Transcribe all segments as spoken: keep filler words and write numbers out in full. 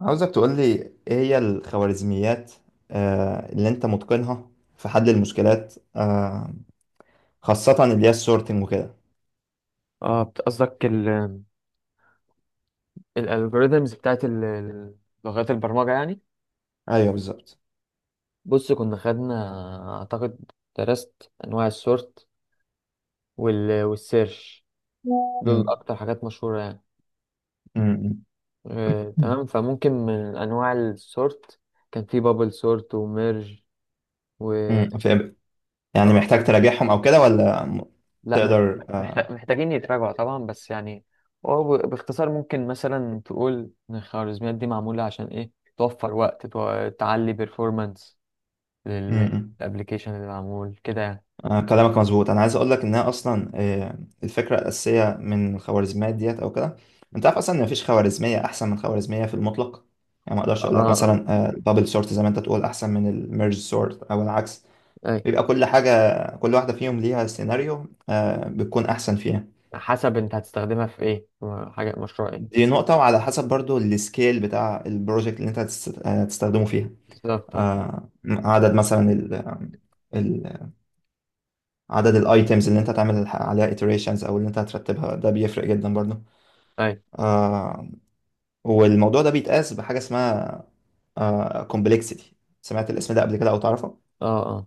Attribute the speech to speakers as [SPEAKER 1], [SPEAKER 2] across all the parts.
[SPEAKER 1] عاوزك تقولي ايه هي الخوارزميات، آه، اللي انت متقنها في حل المشكلات، آه، خاصة اللي هي السورتنج وكده.
[SPEAKER 2] اه، بت- قصدك الالجوريزمز بتاعت ال- ال- لغات البرمجة يعني.
[SPEAKER 1] ايوه، بالظبط.
[SPEAKER 2] بص، كنا خدنا اعتقد درست انواع السورت وال والسيرش. دول
[SPEAKER 1] مم.
[SPEAKER 2] اكتر حاجات مشهورة يعني.
[SPEAKER 1] مم.
[SPEAKER 2] آه،
[SPEAKER 1] مم.
[SPEAKER 2] تمام، فممكن من انواع السورت كان في بابل سورت وميرج و...
[SPEAKER 1] مم. فاهم. يعني
[SPEAKER 2] اه.
[SPEAKER 1] محتاج تراجعهم او كده ولا م-
[SPEAKER 2] لا، مح-
[SPEAKER 1] تقدر،
[SPEAKER 2] مح-
[SPEAKER 1] آه،
[SPEAKER 2] محتاج- محتاجين يتراجعوا طبعا بس يعني. هو ب- باختصار ممكن مثلا تقول ان الخوارزميات دي معمولة عشان ايه. توفر وقت، تو- تعلي performance
[SPEAKER 1] مم. مم.
[SPEAKER 2] للابلكيشن اللي معمول كده يعني.
[SPEAKER 1] آه، كلامك مظبوط. انا عايز اقول لك انها اصلا، آه، الفكرة الأساسية من الخوارزميات ديت او كده، انت عارف اصلا ان مفيش خوارزمية احسن من خوارزمية في المطلق. يعني ما اقدرش اقول لك
[SPEAKER 2] اه، اه،
[SPEAKER 1] مثلا، آه، البابل سورت زي ما انت تقول احسن من الميرج سورت او العكس.
[SPEAKER 2] اي.
[SPEAKER 1] بيبقى كل حاجة، كل واحدة فيهم ليها سيناريو، آه، بتكون أحسن فيها.
[SPEAKER 2] حسب انت هتستخدمها في ايه، حاجه مشروع ايه.
[SPEAKER 1] دي نقطة، وعلى حسب برضو السكيل بتاع البروجكت اللي أنت هتست- آه، هتستخدمه فيها.
[SPEAKER 2] بالظبط، اه.
[SPEAKER 1] آه، عدد مثلا ال ال- عدد الايتمز اللي انت هتعمل الح- عليها iterations او اللي انت هترتبها، ده بيفرق جدا برضو.
[SPEAKER 2] اي،
[SPEAKER 1] آه والموضوع ده بيتقاس بحاجة اسمها آه complexity. سمعت الاسم ده قبل كده او تعرفه؟
[SPEAKER 2] اه، اه،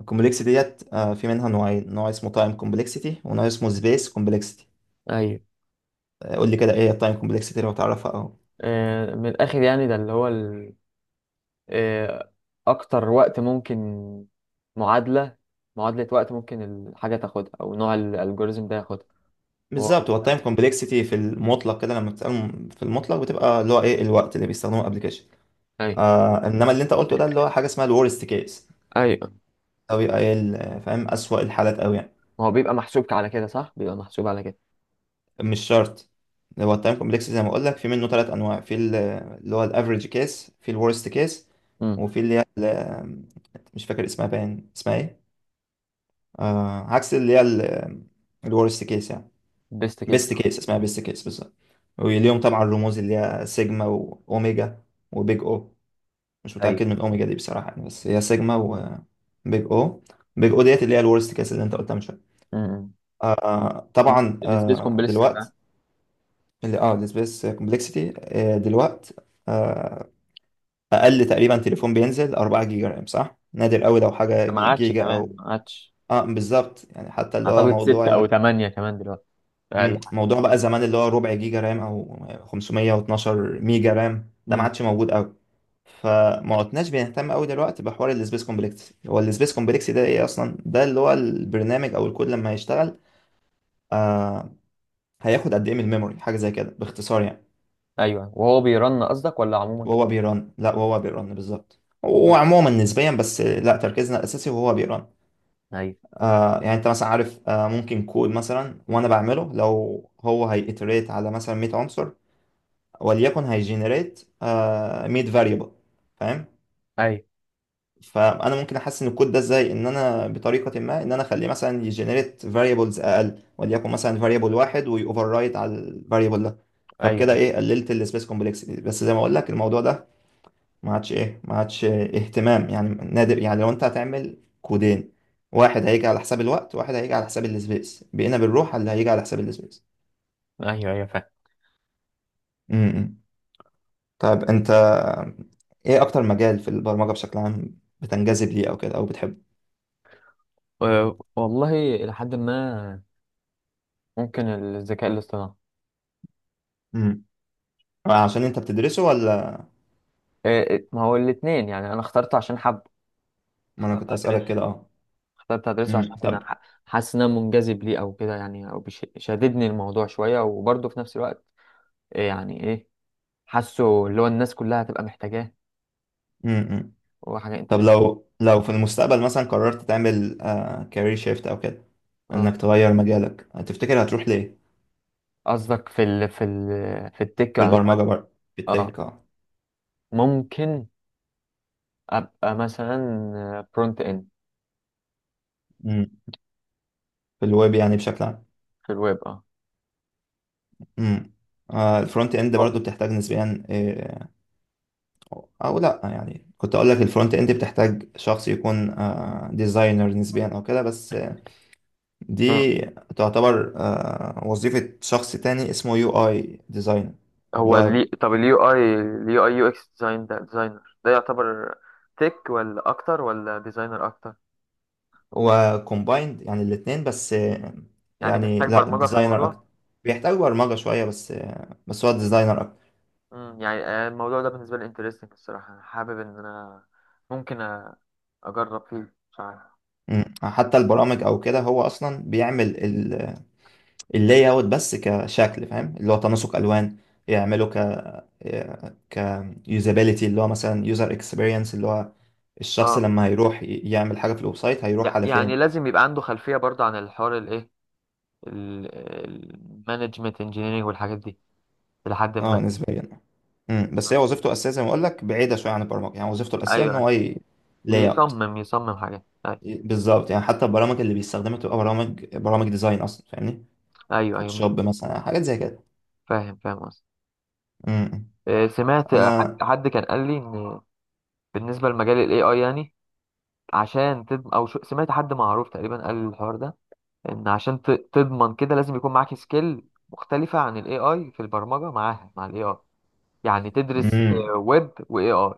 [SPEAKER 1] الكومبلكسيتي ديت آه في منها نوعين: نوع اسمه time complexity ونوع اسمه space complexity.
[SPEAKER 2] ايوه.
[SPEAKER 1] قول لي كده، ايه التايم كومبلكسيتي لو تعرفها او.
[SPEAKER 2] آه، من الاخر يعني ده اللي هو ال... آه، اكتر وقت ممكن، معادله معادله وقت ممكن الحاجه تاخدها او نوع الالجوريزم ده ياخدها. هو واخد
[SPEAKER 1] بالظبط، هو
[SPEAKER 2] ده.
[SPEAKER 1] التايم كومبلكسيتي في المطلق كده، لما بتسأله م- في المطلق بتبقى اللي هو ايه الوقت اللي بيستخدمه الابلكيشن.
[SPEAKER 2] ايوه.
[SPEAKER 1] آه انما اللي انت قلته ده اللي هو حاجه اسمها الورست كيس،
[SPEAKER 2] ايوه،
[SPEAKER 1] او يبقى ايه ال- فاهم؟ اسوأ الحالات قوي يعني.
[SPEAKER 2] هو بيبقى محسوب على كده صح، بيبقى محسوب على كده.
[SPEAKER 1] مش شرط. هو التايم كومبلكسيتي زي ما اقول لك، في منه ثلاث انواع: في ال- اللي هو الافريج كيس، في الورست كيس،
[SPEAKER 2] امم.
[SPEAKER 1] وفي اللي هي ال- مش فاكر اسمها، باين اسمها ايه، آه عكس اللي هي الورست كيس يعني.
[SPEAKER 2] بيست كيس.
[SPEAKER 1] بيست كيس. اسمها بيست كيس بالظبط. واليوم طبعا الرموز اللي هي سيجما واوميجا وبيج او. مش
[SPEAKER 2] ايوه.
[SPEAKER 1] متاكد من اوميجا دي بصراحه يعني، بس هي سيجما وبيج او. بيج او ديت اللي هي الورست كيس اللي انت قلتها من شويه.
[SPEAKER 2] امم
[SPEAKER 1] آه طبعا،
[SPEAKER 2] السبيس
[SPEAKER 1] آه
[SPEAKER 2] كومبلكس.
[SPEAKER 1] دلوقتي اللي اه السبيس كومبلكسيتي، آه دلوقتي، آه اقل تقريبا تليفون بينزل اربعة جيجا رام جيجا رام، صح؟ نادر قوي لو حاجه
[SPEAKER 2] ما عادش
[SPEAKER 1] جيجا
[SPEAKER 2] كمان
[SPEAKER 1] او.
[SPEAKER 2] ما عادش.
[SPEAKER 1] اه، بالظبط يعني، حتى اللي هو
[SPEAKER 2] اعتقد
[SPEAKER 1] موضوع.
[SPEAKER 2] ستة او ثمانية كمان دلوقتي. فال-
[SPEAKER 1] مم. موضوع بقى زمان اللي هو ربع جيجا رام او خمسميه واتناشر ميجا رام ميجا رام، ده ما
[SPEAKER 2] امم.
[SPEAKER 1] عادش موجود قوي. فما عدناش بنهتم قوي دلوقتي بحوار السبيس كومبلكس. هو السبيس كومبلكس ده ايه اصلا؟ ده اللي هو البرنامج او الكود لما هيشتغل، آه هياخد قد ايه من الميموري. حاجه زي كده باختصار يعني.
[SPEAKER 2] ايوه، وهو بيرن قصدك ولا عموما؟
[SPEAKER 1] وهو بيرن، لا وهو بيرن بالظبط
[SPEAKER 2] مم.
[SPEAKER 1] وعموما نسبيا، بس لا، تركيزنا الاساسي وهو بيرن.
[SPEAKER 2] ايوه،
[SPEAKER 1] آه يعني انت مثلا عارف، آه ممكن كود مثلا وانا بعمله، لو هو هيتريت على مثلا 100 عنصر وليكن هيجنريت ميد فاريبل، فاهم؟
[SPEAKER 2] ايوه،
[SPEAKER 1] فانا ممكن احسن الكود ده ازاي، ان انا بطريقه ما ان انا اخليه مثلا يجنريت فاريبلز اقل، وليكن مثلا فاريبل واحد، ويوفر رايت على الفاريبل ده. فبكده
[SPEAKER 2] ايوه،
[SPEAKER 1] ايه قللت السبيس كومبلكسيتي. بس زي ما اقول لك الموضوع ده ما عادش ايه ما عادش اهتمام يعني، نادر يعني. لو انت هتعمل كودين، واحد هيجي على حساب الوقت واحد هيجي على حساب السبيس، بقينا بنروح على اللي هيجي على حساب
[SPEAKER 2] ايوه، ايوه، فاهم.
[SPEAKER 1] السبيس. طيب انت، ايه اكتر مجال في البرمجة بشكل عام بتنجذب ليه او كده او بتحبه؟
[SPEAKER 2] أه، والله، الى حد ما. ممكن الذكاء الاصطناعي.
[SPEAKER 1] امم عشان انت بتدرسه ولا.
[SPEAKER 2] أه، ما هو الاثنين يعني، انا اخترت عشان حب،
[SPEAKER 1] ما انا
[SPEAKER 2] اخترت
[SPEAKER 1] كنت اسألك
[SPEAKER 2] ادرسه
[SPEAKER 1] كده، اه.
[SPEAKER 2] اخترت ادرسه عشان
[SPEAKER 1] امم
[SPEAKER 2] أنا
[SPEAKER 1] طب
[SPEAKER 2] ح- حاسس ان انا منجذب ليه او كده يعني، او بيش- شاددني الموضوع شويه، وبرضه في نفس الوقت إيه يعني ايه، حاسه اللي هو الناس كلها هتبقى محتاجاه
[SPEAKER 1] امم
[SPEAKER 2] وحاجه
[SPEAKER 1] طب
[SPEAKER 2] انترنت.
[SPEAKER 1] لو لو في المستقبل مثلا قررت تعمل كارير شيفت او كده،
[SPEAKER 2] اه.
[SPEAKER 1] انك تغير مجالك، تفتكر هتروح ليه؟
[SPEAKER 2] قصدك في ال في ال في التك
[SPEAKER 1] في
[SPEAKER 2] عموما؟
[SPEAKER 1] البرمجة برضه. في
[SPEAKER 2] اه،
[SPEAKER 1] التك، اه.
[SPEAKER 2] ممكن ابقى مثلا فرونت اند.
[SPEAKER 1] امم في الويب يعني بشكل عام.
[SPEAKER 2] في الويب، اه.
[SPEAKER 1] امم آه الفرونت اند
[SPEAKER 2] هو
[SPEAKER 1] برضه بتحتاج نسبيا، آه، او لا يعني، كنت اقول لك الفرونت اند بتحتاج شخص يكون ديزاينر نسبيا او كده، بس، آه،
[SPEAKER 2] مم.
[SPEAKER 1] دي تعتبر، آه، وظيفة شخص تاني اسمه يو اي ديزاينر. اللي
[SPEAKER 2] هو
[SPEAKER 1] هو
[SPEAKER 2] ليه؟ طب اليو اي اليو اي يو اكس ديزاين، ده ديزاينر ده يعتبر تك ولا اكتر، ولا ديزاينر اكتر؟
[SPEAKER 1] هو كومبايند يعني الاتنين، بس، آه،
[SPEAKER 2] يعني
[SPEAKER 1] يعني
[SPEAKER 2] بيحتاج
[SPEAKER 1] لا،
[SPEAKER 2] برمجة في
[SPEAKER 1] ديزاينر اكتر.
[SPEAKER 2] الموضوع؟
[SPEAKER 1] بيحتاج برمجة شوية، بس، آه، بس هو ديزاينر اكتر.
[SPEAKER 2] مم. يعني آه، الموضوع ده بالنسبة لي انترستنج الصراحة، انا حابب ان انا ممكن أ- اجرب فيه، مش عارف.
[SPEAKER 1] مم. حتى البرامج او كده، هو اصلا بيعمل اللاي اوت بس كشكل، فاهم؟ اللي هو تناسق الوان، يعمله ك ك يوزابيليتي، اللي هو مثلا يوزر اكسبيرينس، اللي هو الشخص
[SPEAKER 2] اه،
[SPEAKER 1] لما هيروح ي- يعمل حاجه في الويب سايت، هيروح
[SPEAKER 2] يع-
[SPEAKER 1] على
[SPEAKER 2] يعني
[SPEAKER 1] فين.
[SPEAKER 2] لازم يبقى عنده خلفية برضه عن الحوار الايه، المانجمنت انجينيرنج والحاجات دي لحد ما.
[SPEAKER 1] اه، نسبيا. امم بس هي وظيفته الاساسيه زي ما اقول لك، بعيده شويه عن البرمجه يعني. وظيفته الاساسيه ان
[SPEAKER 2] ايوه،
[SPEAKER 1] هو لاي اوت.
[SPEAKER 2] يصمم يصمم حاجات، ايوه.
[SPEAKER 1] بالظبط يعني، حتى البرامج اللي بيستخدمها تبقى برامج برامج ديزاين اصلا، فاهمني؟
[SPEAKER 2] ايوه, أيوة، مش.
[SPEAKER 1] فوتوشوب مثلا، حاجات زي كده.
[SPEAKER 2] فاهم فاهم قصدي.
[SPEAKER 1] امم
[SPEAKER 2] آه، سمعت آه، حد
[SPEAKER 1] انا.
[SPEAKER 2] حد كان قال لي ان بالنسبه لمجال الاي اي يعني، عشان تضمن، او شو، سمعت حد معروف تقريبا قال الحوار ده، ان عشان ت- تضمن كده لازم يكون معاك سكيل مختلفه عن الاي اي في البرمجه، معاها مع الاي اي، يعني تدرس
[SPEAKER 1] امم
[SPEAKER 2] ويب واي اي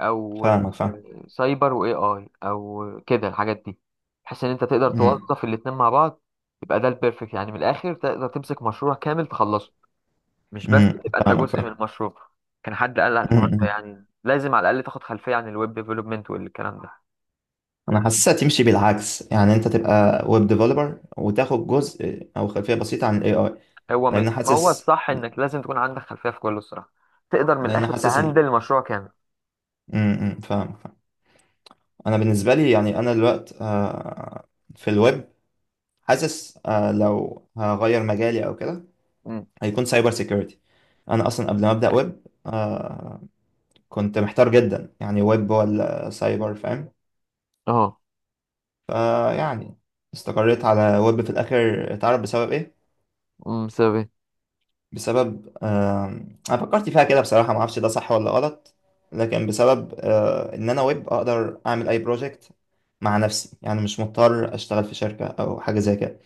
[SPEAKER 2] او
[SPEAKER 1] فاهمك، فاهم.
[SPEAKER 2] سايبر واي اي او كده الحاجات دي، بحيث ان انت تقدر
[SPEAKER 1] امم
[SPEAKER 2] توظف الاتنين مع بعض. يبقى ده البيرفكت يعني، من الاخر تقدر تمسك مشروع كامل تخلصه، مش بس
[SPEAKER 1] امم
[SPEAKER 2] تبقى انت جزء
[SPEAKER 1] فاهمك،
[SPEAKER 2] من المشروع. كان حد قال على الحوار ده،
[SPEAKER 1] فاهم.
[SPEAKER 2] يعني لازم على الاقل تاخد خلفيه عن الويب ديفلوبمنت والكلام ده.
[SPEAKER 1] انا حاسسها تمشي بالعكس يعني، انت تبقى ويب ديفلوبر وتاخد جزء او خلفيه بسيطه عن الاي اي.
[SPEAKER 2] هو م-
[SPEAKER 1] لان
[SPEAKER 2] ما هو
[SPEAKER 1] حاسس
[SPEAKER 2] الصح انك لازم تكون عندك خلفيه في كله الصراحه، تقدر من
[SPEAKER 1] لان
[SPEAKER 2] الاخر
[SPEAKER 1] حاسس ان.
[SPEAKER 2] تهندل مشروع كامل.
[SPEAKER 1] امم فاهم، فاهم. انا بالنسبه لي يعني، انا الوقت، آه، في الويب، حاسس، آه، لو هغير مجالي او كده
[SPEAKER 2] مم.
[SPEAKER 1] هيكون سايبر سيكيورتي. انا اصلا قبل ما ابدا ويب، آه، كنت محتار جدا يعني، ويب ولا سايبر، فاهم؟
[SPEAKER 2] اه.
[SPEAKER 1] فيعني، استقريت على ويب في الاخر، تعرف بسبب ايه؟
[SPEAKER 2] امم. سبب.
[SPEAKER 1] بسبب، آه، انا فكرت فيها كده بصراحه، ما اعرفش ده صح ولا غلط. لكن بسبب، آه، ان انا ويب اقدر اعمل اي بروجكت مع نفسي يعني، مش مضطر اشتغل في شركه او حاجه زي كده.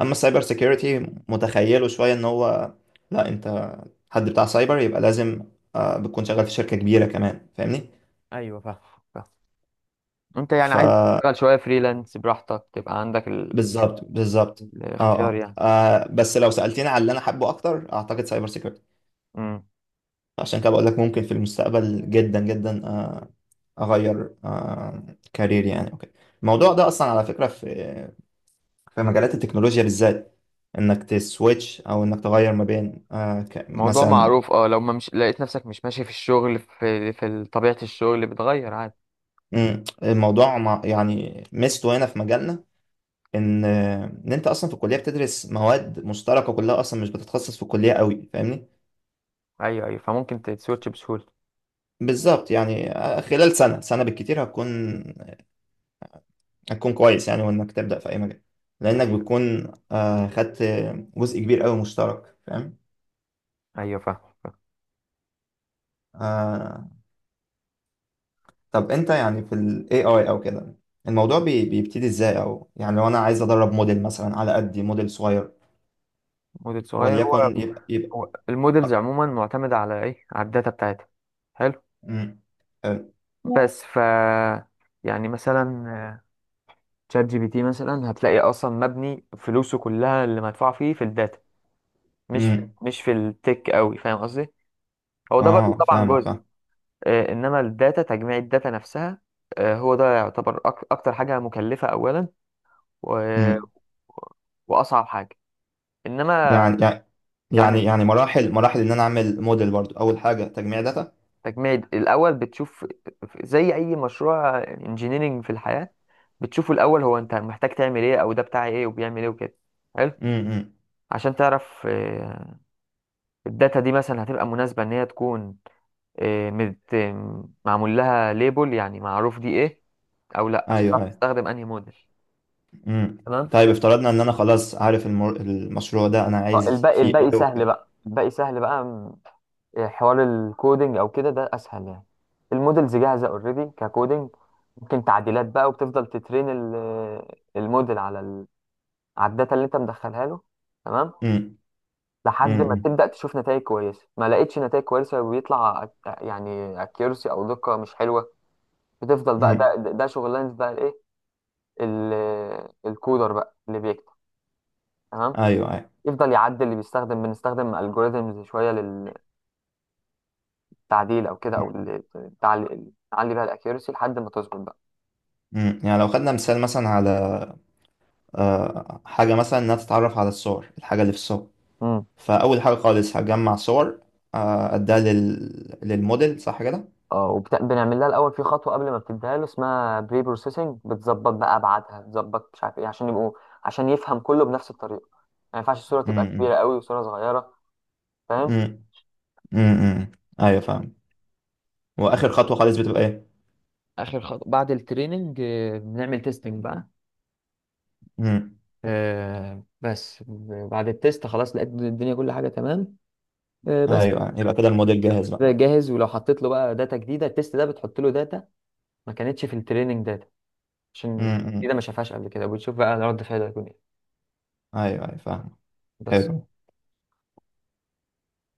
[SPEAKER 1] اما السايبر سيكيورتي، متخيله شويه ان هو، لا انت، حد بتاع سايبر يبقى لازم، آه، بتكون شغال في شركه كبيره كمان، فاهمني؟
[SPEAKER 2] ايوه، فاهم فاهم. انت يعني
[SPEAKER 1] ف
[SPEAKER 2] عايز تشتغل شويه فريلانس براحتك تبقى عندك
[SPEAKER 1] بالظبط، بالظبط. اه،
[SPEAKER 2] الاختيار
[SPEAKER 1] اه،
[SPEAKER 2] يعني.
[SPEAKER 1] آه، بس لو سالتني على اللي انا حابه اكتر، اعتقد سايبر سيكيورتي.
[SPEAKER 2] امم،
[SPEAKER 1] عشان كده بقول لك ممكن في المستقبل جدا جدا، آه، اغير آه، كارير يعني وكده. الموضوع ده اصلا على فكره، في في مجالات التكنولوجيا بالذات، انك تسويتش او انك تغير ما بين، آه، ك-
[SPEAKER 2] موضوع
[SPEAKER 1] مثلا.
[SPEAKER 2] معروف اه، لو ما مش لقيت نفسك مش ماشي في الشغل في في طبيعة الشغل، بتغير عادي.
[SPEAKER 1] مم، الموضوع، مع يعني ميزته هنا في مجالنا، ان آه، ان انت اصلا في الكليه بتدرس مواد مشتركه كلها اصلا، مش بتتخصص في الكليه قوي، فاهمني؟
[SPEAKER 2] ايوه، ايوه، فممكن تسويتش بسهولة.
[SPEAKER 1] بالظبط يعني، آه، خلال سنه سنه بالكتير هتكون هتكون كويس يعني. وانك تبدا في اي مجال، لانك
[SPEAKER 2] ايوه،
[SPEAKER 1] بتكون، آه، خدت جزء كبير قوي مشترك، فاهم؟
[SPEAKER 2] ايوه، فاهم فاهم.
[SPEAKER 1] آه، طب انت يعني، في ال A I او كده، الموضوع بي بيبتدي ازاي، او يعني لو انا عايز ادرب موديل مثلا، على قدي موديل صغير،
[SPEAKER 2] موديل صغير. هو
[SPEAKER 1] وليكن يبقى يبقى.
[SPEAKER 2] هو المودلز عموما معتمدة على ايه؟ على الداتا بتاعتها. حلو.
[SPEAKER 1] امم
[SPEAKER 2] بس ف يعني مثلا تشات جي بي تي مثلا هتلاقي اصلا مبني فلوسه كلها اللي مدفوع فيه في الداتا، مش في
[SPEAKER 1] امم
[SPEAKER 2] مش في التك قوي، فاهم قصدي. هو ده برضه
[SPEAKER 1] اه،
[SPEAKER 2] طبعا
[SPEAKER 1] فاهمك،
[SPEAKER 2] جزء.
[SPEAKER 1] فاهم.
[SPEAKER 2] آه، انما الداتا، تجميع الداتا نفسها، آه، هو ده يعتبر أك- اكتر حاجه مكلفه اولا، و-
[SPEAKER 1] امم
[SPEAKER 2] واصعب حاجه، انما.
[SPEAKER 1] يعني يعني يعني
[SPEAKER 2] يعني
[SPEAKER 1] يعني مراحل مراحل ان انا اعمل موديل برضو، اول حاجة تجميع داتا.
[SPEAKER 2] تجميع الاول، بتشوف زي اي مشروع انجينيرينج في الحياه، بتشوفه الاول هو انت محتاج تعمل ايه، او ده بتاع ايه وبيعمل ايه وكده. حلو.
[SPEAKER 1] امم
[SPEAKER 2] عشان تعرف آه، الداتا دي مثلا هتبقى مناسبه ان هي تكون، آه، مت- معمول لها ليبل يعني، معروف دي ايه او لا، عشان
[SPEAKER 1] ايوه،
[SPEAKER 2] تعرف
[SPEAKER 1] ايوه.
[SPEAKER 2] تستخدم انهي موديل.
[SPEAKER 1] امم
[SPEAKER 2] تمام.
[SPEAKER 1] طيب افترضنا ان انا خلاص عارف المر... المشروع ده انا
[SPEAKER 2] اه يعني.
[SPEAKER 1] عايز
[SPEAKER 2] الباقي
[SPEAKER 1] فيه
[SPEAKER 2] الباقي
[SPEAKER 1] ايه
[SPEAKER 2] سهل
[SPEAKER 1] وكده.
[SPEAKER 2] بقى، الباقي سهل بقى، م- إيه، حوار الكودينج او كده ده اسهل يعني. المودلز جاهزه اوريدي ككودينج، ممكن تعديلات بقى، وبتفضل تترين ال- الموديل على ال... على الداتا اللي انت مدخلها له. تمام.
[SPEAKER 1] امم
[SPEAKER 2] لحد ما
[SPEAKER 1] امم
[SPEAKER 2] تبدا تشوف نتائج كويسه، ما لقيتش نتائج كويسه وبيطلع أك- يعني اكيرسي او دقه مش حلوه. بتفضل بقى،
[SPEAKER 1] امم
[SPEAKER 2] ده ده ده شغلانه بقى الايه، ال- الكودر بقى اللي بيكتب. تمام.
[SPEAKER 1] ايوه، ايوه.
[SPEAKER 2] يفضل يعدل، اللي بيستخدم بنستخدم الجوريزمز شويه تعديل او كده، او ال- تعلي نعلي بيها الاكيرسي لحد ما تظبط بقى.
[SPEAKER 1] مم. يعني لو خدنا مثال مثلا على، آه، حاجة مثلا إنها تتعرف على الصور، الحاجة اللي في الصور،
[SPEAKER 2] امم.
[SPEAKER 1] فأول حاجة خالص هجمع صور، آه، أديها لل... للموديل، صح كده؟
[SPEAKER 2] اه، وبنعمل لها الاول في خطوه قبل ما بتديها له اسمها بري بروسيسنج، بتظبط بقى ابعادها، بتظبط مش عارف ايه، عشان يبقوا، عشان يفهم كله بنفس الطريقه، ما ينفعش الصوره تبقى كبيره
[SPEAKER 1] امم
[SPEAKER 2] قوي وصوره صغيره. فاهم.
[SPEAKER 1] امم امم أيوة، فاهم. وآخر خطوة خالص بتبقى إيه؟
[SPEAKER 2] اخر خطوه بعد التريننج، آه، بنعمل تيستنج بقى.
[SPEAKER 1] امم
[SPEAKER 2] آه، بس بعد التيست خلاص لقيت الدنيا كل حاجه تمام. آه، بس.
[SPEAKER 1] أيوة، يبقى كده الموديل جاهز بقى.
[SPEAKER 2] جاهز. ولو حطيت له بقى داتا جديده، التيست ده بتحط له داتا ما كانتش في التريننج داتا، عشان حاجة جديدة
[SPEAKER 1] امم
[SPEAKER 2] ما شافهاش قبل كده، وبتشوف بقى رد فعله هيكون ايه.
[SPEAKER 1] أيوة، أيوة، فاهم.
[SPEAKER 2] بس.
[SPEAKER 1] حلو.